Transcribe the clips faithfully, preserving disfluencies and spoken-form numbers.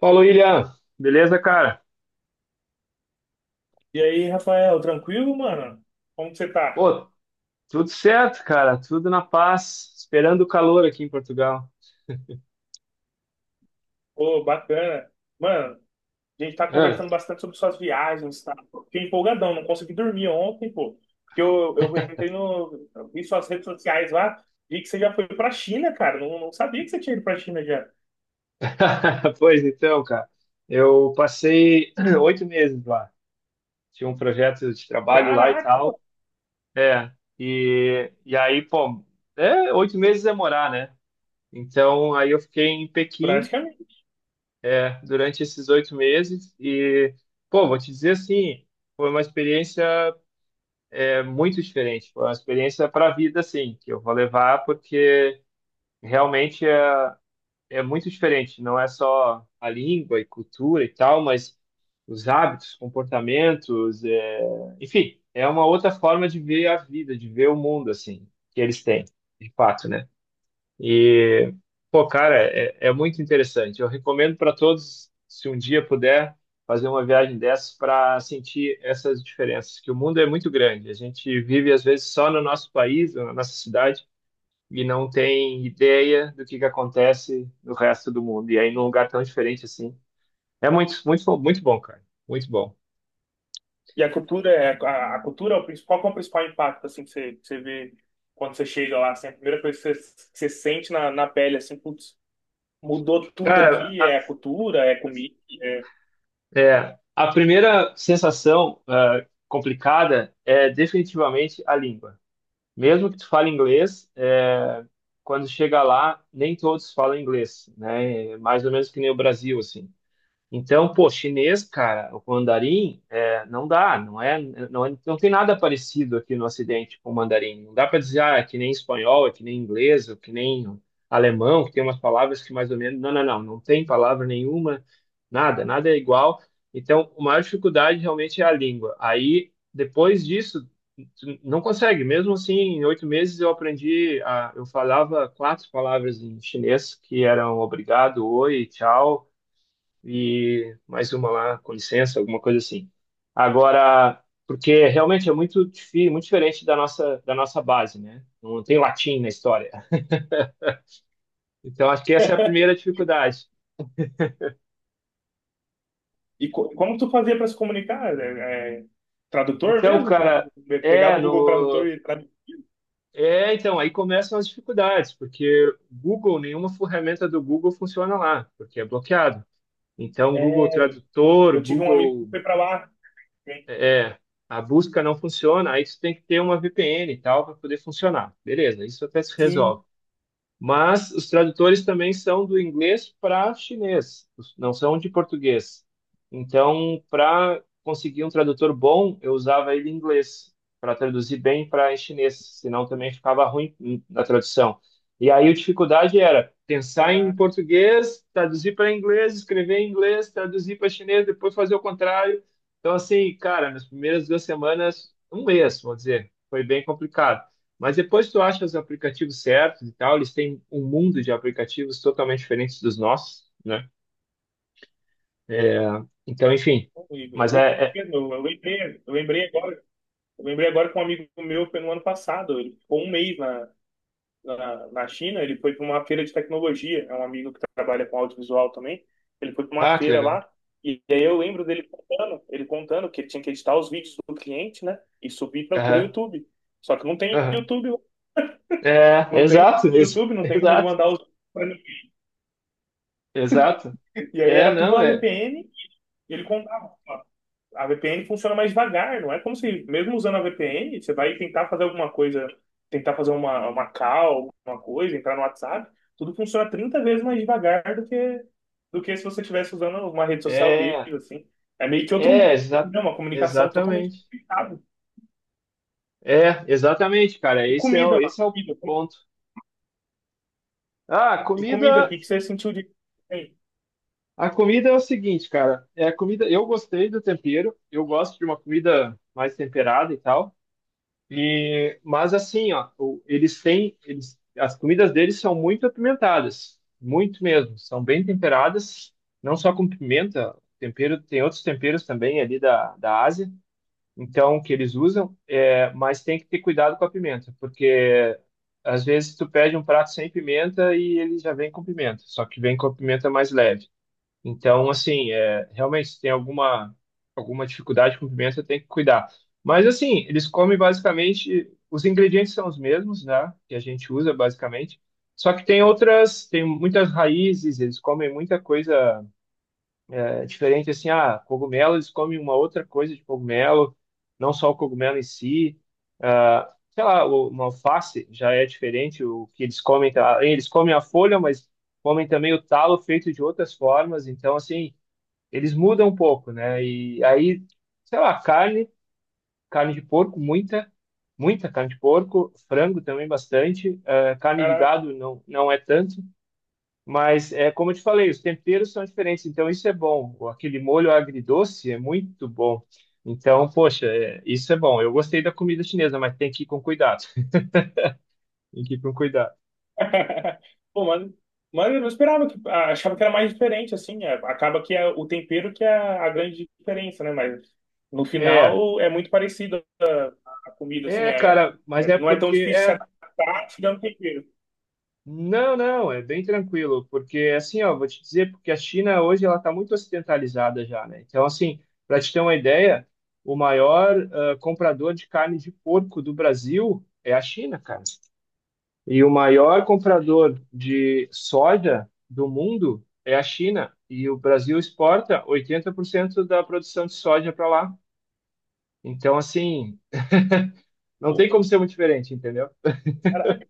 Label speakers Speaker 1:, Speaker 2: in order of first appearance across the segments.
Speaker 1: Fala, William. Beleza, cara?
Speaker 2: E aí, Rafael, tranquilo, mano? Como que você tá?
Speaker 1: Pô, tudo certo, cara. Tudo na paz. Esperando o calor aqui em Portugal.
Speaker 2: Ô, bacana. Mano, a gente tá
Speaker 1: Hã?
Speaker 2: conversando bastante sobre suas viagens, tá? Fiquei empolgadão, não consegui dormir ontem, pô. Porque eu, eu entrei no. eu Vi suas redes sociais lá, vi que você já foi pra China, cara. Não, não sabia que você tinha ido pra China já.
Speaker 1: Pois então, cara. Eu passei oito meses lá. Tinha um projeto de trabalho lá e
Speaker 2: Caraca,
Speaker 1: tal. É. E, e aí, pô, é, oito meses é morar, né? Então, aí eu fiquei em Pequim
Speaker 2: praticamente.
Speaker 1: é, durante esses oito meses. E, pô, vou te dizer assim, foi uma experiência é muito diferente. Foi uma experiência para a vida, assim, que eu vou levar porque realmente é, é muito diferente. Não é só a língua e cultura e tal, mas os hábitos, comportamentos, é... enfim, é uma outra forma de ver a vida, de ver o mundo, assim, que eles têm, de fato, né? E, pô, cara, é, é muito interessante. Eu recomendo para todos, se um dia puder, fazer uma viagem dessas para sentir essas diferenças, que o mundo é muito grande. A gente vive, às vezes, só no nosso país, na nossa cidade, e não tem ideia do que que acontece no resto do mundo. E aí, num lugar tão diferente assim. É muito, muito, muito bom, cara. Muito bom.
Speaker 2: E a cultura é. A, a cultura é o principal, qual que é o principal impacto, assim, que você, que você vê quando você chega lá, assim? A primeira coisa que você, que você sente na, na pele, assim, putz, mudou tudo
Speaker 1: Cara,
Speaker 2: aqui,
Speaker 1: a,
Speaker 2: é a cultura, é a comida.
Speaker 1: é, a primeira sensação, ah, complicada é definitivamente a língua. Mesmo que tu fale inglês, é, quando chega lá, nem todos falam inglês, né? É mais ou menos que nem o Brasil, assim. Então, pô, chinês, cara, o mandarim, é, não dá, não é, não é- não tem nada parecido aqui no Ocidente com o mandarim. Não dá para dizer, ah, é que nem espanhol, é que nem inglês, é que nem alemão, que tem umas palavras que mais ou menos. Não, não, não, não tem palavra nenhuma, nada, nada é igual. Então, a maior dificuldade realmente é a língua. Aí, depois disso, tu não consegue. Mesmo assim, em oito meses eu aprendi, a, eu falava quatro palavras em chinês, que eram obrigado, oi, tchau e mais uma lá, com licença, alguma coisa assim. Agora, porque realmente é muito, difícil, muito diferente da nossa, da nossa base, né? Não tem latim na história. Então, acho que essa é a primeira dificuldade.
Speaker 2: E co- como tu fazia para se comunicar? É, é, tradutor
Speaker 1: Então,
Speaker 2: mesmo? Como tu
Speaker 1: cara,
Speaker 2: pe- pegava
Speaker 1: é,
Speaker 2: o Google Tradutor
Speaker 1: no,
Speaker 2: e tradu...
Speaker 1: é, então, aí começam as dificuldades, porque Google, nenhuma ferramenta do Google funciona lá, porque é bloqueado. Então, Google
Speaker 2: É,
Speaker 1: Tradutor,
Speaker 2: eu tive um amigo que
Speaker 1: Google,
Speaker 2: foi para lá, né?
Speaker 1: é, a busca não funciona, aí você tem que ter uma V P N e tal para poder funcionar. Beleza, isso até se
Speaker 2: Sim,
Speaker 1: resolve. Mas os tradutores também são do inglês para chinês, não são de português. Então, para conseguir um tradutor bom, eu usava ele em inglês para traduzir bem para em chinês, senão também ficava ruim na tradução. E aí a dificuldade era pensar em
Speaker 2: caraca.
Speaker 1: português, traduzir para inglês, escrever em inglês, traduzir para chinês, depois fazer o contrário. Então, assim, cara, nas primeiras duas semanas, um mês, vou dizer, foi bem complicado. Mas depois tu acha os aplicativos certos e tal, eles têm um mundo de aplicativos totalmente diferentes dos nossos, né? É, então, enfim.
Speaker 2: Eu
Speaker 1: Mas
Speaker 2: vou,
Speaker 1: é, é-
Speaker 2: eu, eu lembrei, eu lembrei agora, eu lembrei agora que um amigo meu foi no ano passado. Ele ficou um mês na, na, na China, ele foi para uma feira de tecnologia. É um amigo que trabalha com audiovisual também. Ele foi para uma
Speaker 1: Ah, que
Speaker 2: feira
Speaker 1: legal.
Speaker 2: lá. E aí eu lembro dele contando, ele contando que ele tinha que editar os vídeos do cliente, né? E subir para o
Speaker 1: Aham,
Speaker 2: YouTube. Só que não tem
Speaker 1: aham.
Speaker 2: YouTube,
Speaker 1: É,
Speaker 2: não tem
Speaker 1: exato, ex-
Speaker 2: YouTube, não tem como ele
Speaker 1: exato,
Speaker 2: mandar os.
Speaker 1: exato.
Speaker 2: E aí
Speaker 1: É,
Speaker 2: era tudo
Speaker 1: não,
Speaker 2: uma
Speaker 1: é.
Speaker 2: V P N, e ele contava. Ó, a V P N funciona mais devagar, não é como se, mesmo usando a V P N, você vai tentar fazer alguma coisa, tentar fazer uma, uma call, alguma coisa, entrar no WhatsApp, tudo funciona trinta vezes mais devagar do que, do que se você estivesse usando uma rede social deles,
Speaker 1: É,
Speaker 2: assim. É meio que outro mundo,
Speaker 1: é, exa
Speaker 2: né? Uma comunicação totalmente
Speaker 1: exatamente.
Speaker 2: complicada.
Speaker 1: É, exatamente, cara.
Speaker 2: E
Speaker 1: Esse é, o-
Speaker 2: comida, mano.
Speaker 1: esse é o
Speaker 2: Comida.
Speaker 1: ponto. Ah, a
Speaker 2: E comida, o
Speaker 1: comida.
Speaker 2: que que você sentiu de... Bem,
Speaker 1: A comida é o seguinte, cara. É a comida. Eu gostei do tempero. Eu gosto de uma comida mais temperada e tal. E, mas assim, ó, o- eles têm, eles, as comidas deles são muito apimentadas, muito mesmo. São bem temperadas, não só com pimenta, tempero, tem outros temperos também ali da, da Ásia, então que eles usam, é, mas tem que ter cuidado com a pimenta, porque às vezes tu pede um prato sem pimenta e ele já vem com pimenta, só que vem com a pimenta mais leve. Então, assim, é, realmente, se tem alguma, alguma dificuldade com pimenta, você tem que cuidar. Mas, assim, eles comem basicamente, os ingredientes são os mesmos, né? Que a gente usa, basicamente. Só que tem outras, tem muitas raízes, eles comem muita coisa é, diferente, assim, ah, cogumelo, eles comem uma outra coisa de cogumelo, não só o cogumelo em si. Ah, sei lá, o- uma alface já é diferente, o que eles comem, tá? Eles comem a folha, mas comem também o talo feito de outras formas, então, assim eles mudam um pouco, né? E aí, sei lá, carne, carne de porco, muita, muita carne de porco, frango também bastante, eh, carne de gado não, não é tanto, mas é como eu te falei, os temperos são diferentes, então isso é bom. O- Aquele molho agridoce é muito bom. Então, poxa, é, isso é bom. Eu gostei da comida chinesa, mas tem que ir com cuidado. Tem que ir com cuidado.
Speaker 2: pô, mas, mas eu não esperava que ah, achava que era mais diferente assim. É, acaba que é o tempero que é a grande diferença, né? Mas no
Speaker 1: É,
Speaker 2: final é muito parecido a, a comida assim,
Speaker 1: é,
Speaker 2: é,
Speaker 1: cara, mas
Speaker 2: é-
Speaker 1: é
Speaker 2: não é tão
Speaker 1: porque
Speaker 2: difícil se
Speaker 1: é.
Speaker 2: adaptar tirando tempero.
Speaker 1: Não, não, é bem tranquilo, porque assim, ó, vou te dizer, porque a China hoje ela está muito ocidentalizada já, né? Então, assim, para te ter uma ideia, o maior ah, comprador de carne de porco do Brasil é a China, cara. E o maior comprador de soja do mundo é a China. E o Brasil exporta oitenta por cento da produção de soja para lá. Então, assim, não tem
Speaker 2: Pô,
Speaker 1: como ser muito diferente, entendeu?
Speaker 2: caraca,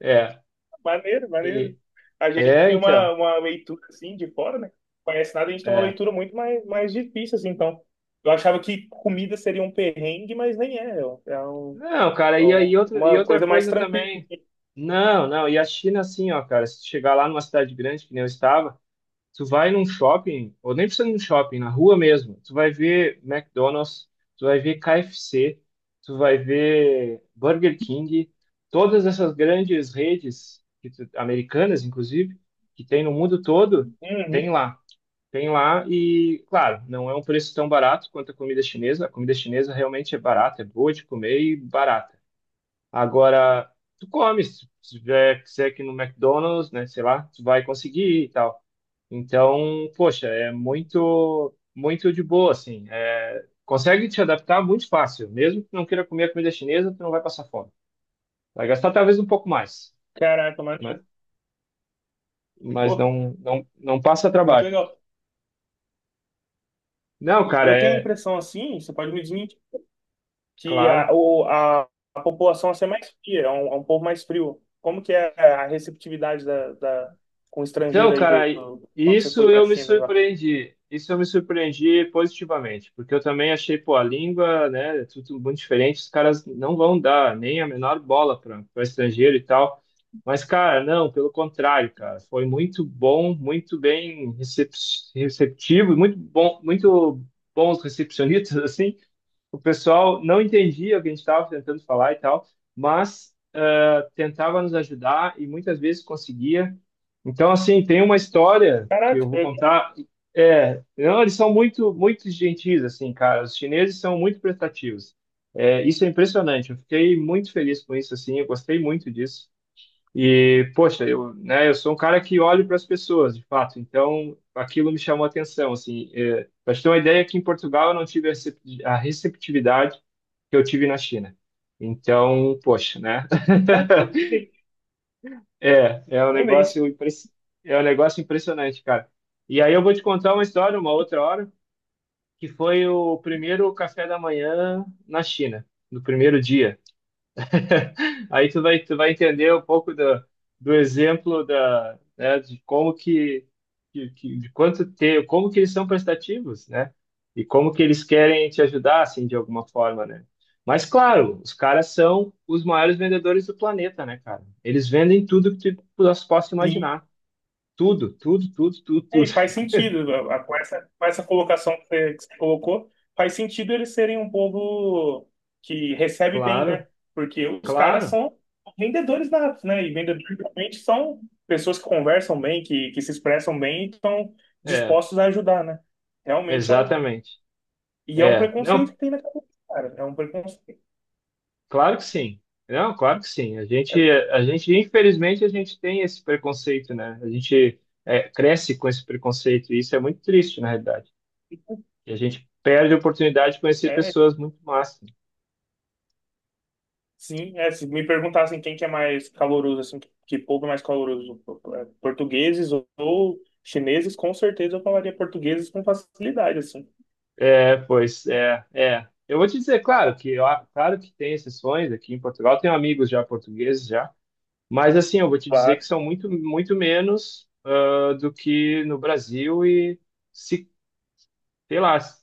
Speaker 1: É,
Speaker 2: maneiro,
Speaker 1: e-
Speaker 2: maneiro. A gente
Speaker 1: é,
Speaker 2: tem
Speaker 1: então.
Speaker 2: uma, uma leitura assim de fora, né? Não conhece nada, a gente tem uma
Speaker 1: É.
Speaker 2: leitura muito mais, mais difícil assim, então. Eu achava que comida seria um perrengue, mas nem é. É um-
Speaker 1: Não, cara,
Speaker 2: é
Speaker 1: e, aí
Speaker 2: um-
Speaker 1: outra, e
Speaker 2: uma
Speaker 1: outra
Speaker 2: coisa mais
Speaker 1: coisa
Speaker 2: tranquila,
Speaker 1: também.
Speaker 2: assim.
Speaker 1: Não, não, e a China, assim, ó, cara, se tu chegar lá numa cidade grande, que nem eu estava, tu vai num shopping, ou nem precisa ir num shopping, na rua mesmo, tu vai ver McDonald's, tu vai ver K F C, tu vai ver Burger King, todas essas grandes redes, que tu- americanas, inclusive, que tem no mundo todo, tem
Speaker 2: Uhum.
Speaker 1: lá. Tem lá, e, claro, não é um preço tão barato quanto a comida chinesa. A comida chinesa realmente é barata, é boa de comer e barata. Agora, tu come, se se tiver que ser aqui no McDonald's, né, sei lá, tu vai conseguir e tal. Então, poxa, é muito, muito de boa, assim. É, consegue te adaptar muito fácil. Mesmo que não queira comer a comida chinesa, tu não vai passar fome. Vai gastar talvez um pouco mais,
Speaker 2: Caraca, mano,
Speaker 1: né? Mas
Speaker 2: pô,
Speaker 1: não, não, não passa
Speaker 2: muito
Speaker 1: trabalho.
Speaker 2: legal.
Speaker 1: Não,
Speaker 2: E
Speaker 1: cara,
Speaker 2: eu tenho a
Speaker 1: é
Speaker 2: impressão assim, você pode me dizer, que a,
Speaker 1: claro.
Speaker 2: o, a, a população assim, é mais fria, é um, é um povo mais frio. Como que é a receptividade da, da, com o
Speaker 1: Então,
Speaker 2: estrangeiro aí
Speaker 1: cara,
Speaker 2: do, do- quando você
Speaker 1: isso
Speaker 2: foi pra
Speaker 1: eu me
Speaker 2: China? Lá?
Speaker 1: surpreendi. Isso eu me surpreendi positivamente, porque eu também achei, pô, a língua, né, é tudo muito diferente, os caras não vão dar nem a menor bola para estrangeiro e tal. Mas, cara, não, pelo contrário, cara, foi muito bom, muito bem recep- receptivo, muito bom, muito bons recepcionistas, assim. O pessoal não entendia o que a gente estava tentando falar e tal, mas eh, tentava nos ajudar e muitas vezes conseguia. Então, assim, tem uma história que
Speaker 2: Caraca,
Speaker 1: eu vou
Speaker 2: eu-
Speaker 1: contar. É, não, eles são muito, muito gentis, assim, cara. Os chineses são muito prestativos. É, isso é impressionante. Eu fiquei muito feliz com isso, assim. Eu gostei muito disso. E, poxa, eu, né, eu sou um cara que olho para as pessoas, de fato. Então, aquilo me chamou a atenção, assim. É, para te ter uma ideia, aqui em Portugal eu não tive a recep- a receptividade que eu tive na China. Então, poxa, né?
Speaker 2: Caraca, surpreendente,
Speaker 1: É, é um
Speaker 2: surpreendente.
Speaker 1: negócio impres- é um negócio impressionante, cara. E aí eu vou te contar uma história, uma outra hora, que foi o primeiro café da manhã na China, no primeiro dia. Aí tu vai, tu vai entender um pouco do, do exemplo da, né, de como que, que, que- de quanto ter, como que eles são prestativos, né? E como que eles querem te ajudar, assim, de alguma forma, né? Mas, claro, os caras são os maiores vendedores do planeta, né, cara? Eles vendem tudo que tu nós possa
Speaker 2: Sim,
Speaker 1: imaginar. Tudo, tudo, tudo, tudo,
Speaker 2: é,
Speaker 1: tudo.
Speaker 2: e faz sentido, a- a- com essa, com essa colocação que você, que você colocou, faz sentido eles serem um povo que recebe bem, né?
Speaker 1: Claro,
Speaker 2: Porque os caras
Speaker 1: claro.
Speaker 2: são vendedores natos, né? E vendedores realmente são pessoas que conversam bem, que, que se expressam bem e estão
Speaker 1: É,
Speaker 2: dispostos a ajudar, né? Realmente é um.
Speaker 1: exatamente.
Speaker 2: E é um
Speaker 1: É,
Speaker 2: preconceito
Speaker 1: não,
Speaker 2: que tem na cabeça, cara. É um preconceito.
Speaker 1: claro que sim. Não, claro que sim. A
Speaker 2: É,
Speaker 1: gente, a gente, infelizmente, a gente tem esse preconceito, né? A gente é, cresce com esse preconceito e isso é muito triste, na realidade. E a gente perde a oportunidade de conhecer
Speaker 2: é,
Speaker 1: pessoas muito massas.
Speaker 2: Sim, é, se me perguntassem quem que é mais caloroso, assim, que que povo é mais caloroso, é, portugueses ou ou chineses, com certeza eu falaria portugueses com facilidade, assim.
Speaker 1: É, pois é, é. Eu vou te dizer, claro que ó, claro que tem exceções aqui em Portugal, tenho amigos já portugueses já, mas assim, eu vou te dizer que
Speaker 2: Claro.
Speaker 1: são muito muito menos ah, do que no Brasil e se sei lá, se,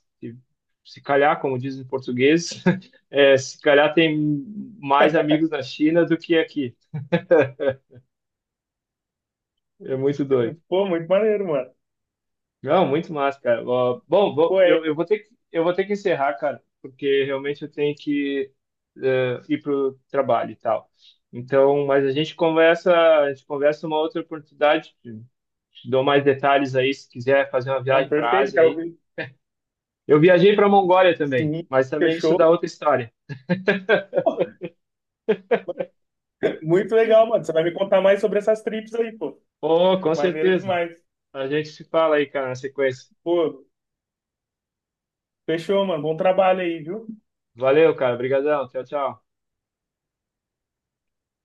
Speaker 1: se calhar, como dizem em português, é, se calhar tem mais amigos na China do que aqui. É muito doido.
Speaker 2: Pô, muito maneiro, mano.
Speaker 1: Não, muito massa, cara. Ó, bom, vou-
Speaker 2: Pô, é,
Speaker 1: eu, eu vou ter que, eu vou ter que encerrar, cara, porque realmente eu tenho que eh, ir pro trabalho e tal. Então, mas a gente conversa, a gente conversa uma outra oportunidade. Te te dou mais detalhes aí se quiser fazer uma
Speaker 2: então,
Speaker 1: viagem para a
Speaker 2: perfeito,
Speaker 1: Ásia
Speaker 2: cara.
Speaker 1: aí. Eu viajei para a Mongólia também,
Speaker 2: Sim,
Speaker 1: mas também isso dá
Speaker 2: fechou.
Speaker 1: outra história.
Speaker 2: Pô, muito legal, mano. Você vai me contar mais sobre essas trips aí, pô.
Speaker 1: Oh, com
Speaker 2: Maneiro
Speaker 1: certeza.
Speaker 2: demais.
Speaker 1: A gente se fala aí, cara, na sequência.
Speaker 2: Pô, fechou, mano. Bom trabalho aí, viu?
Speaker 1: Valeu, cara. Obrigadão. Tchau, tchau.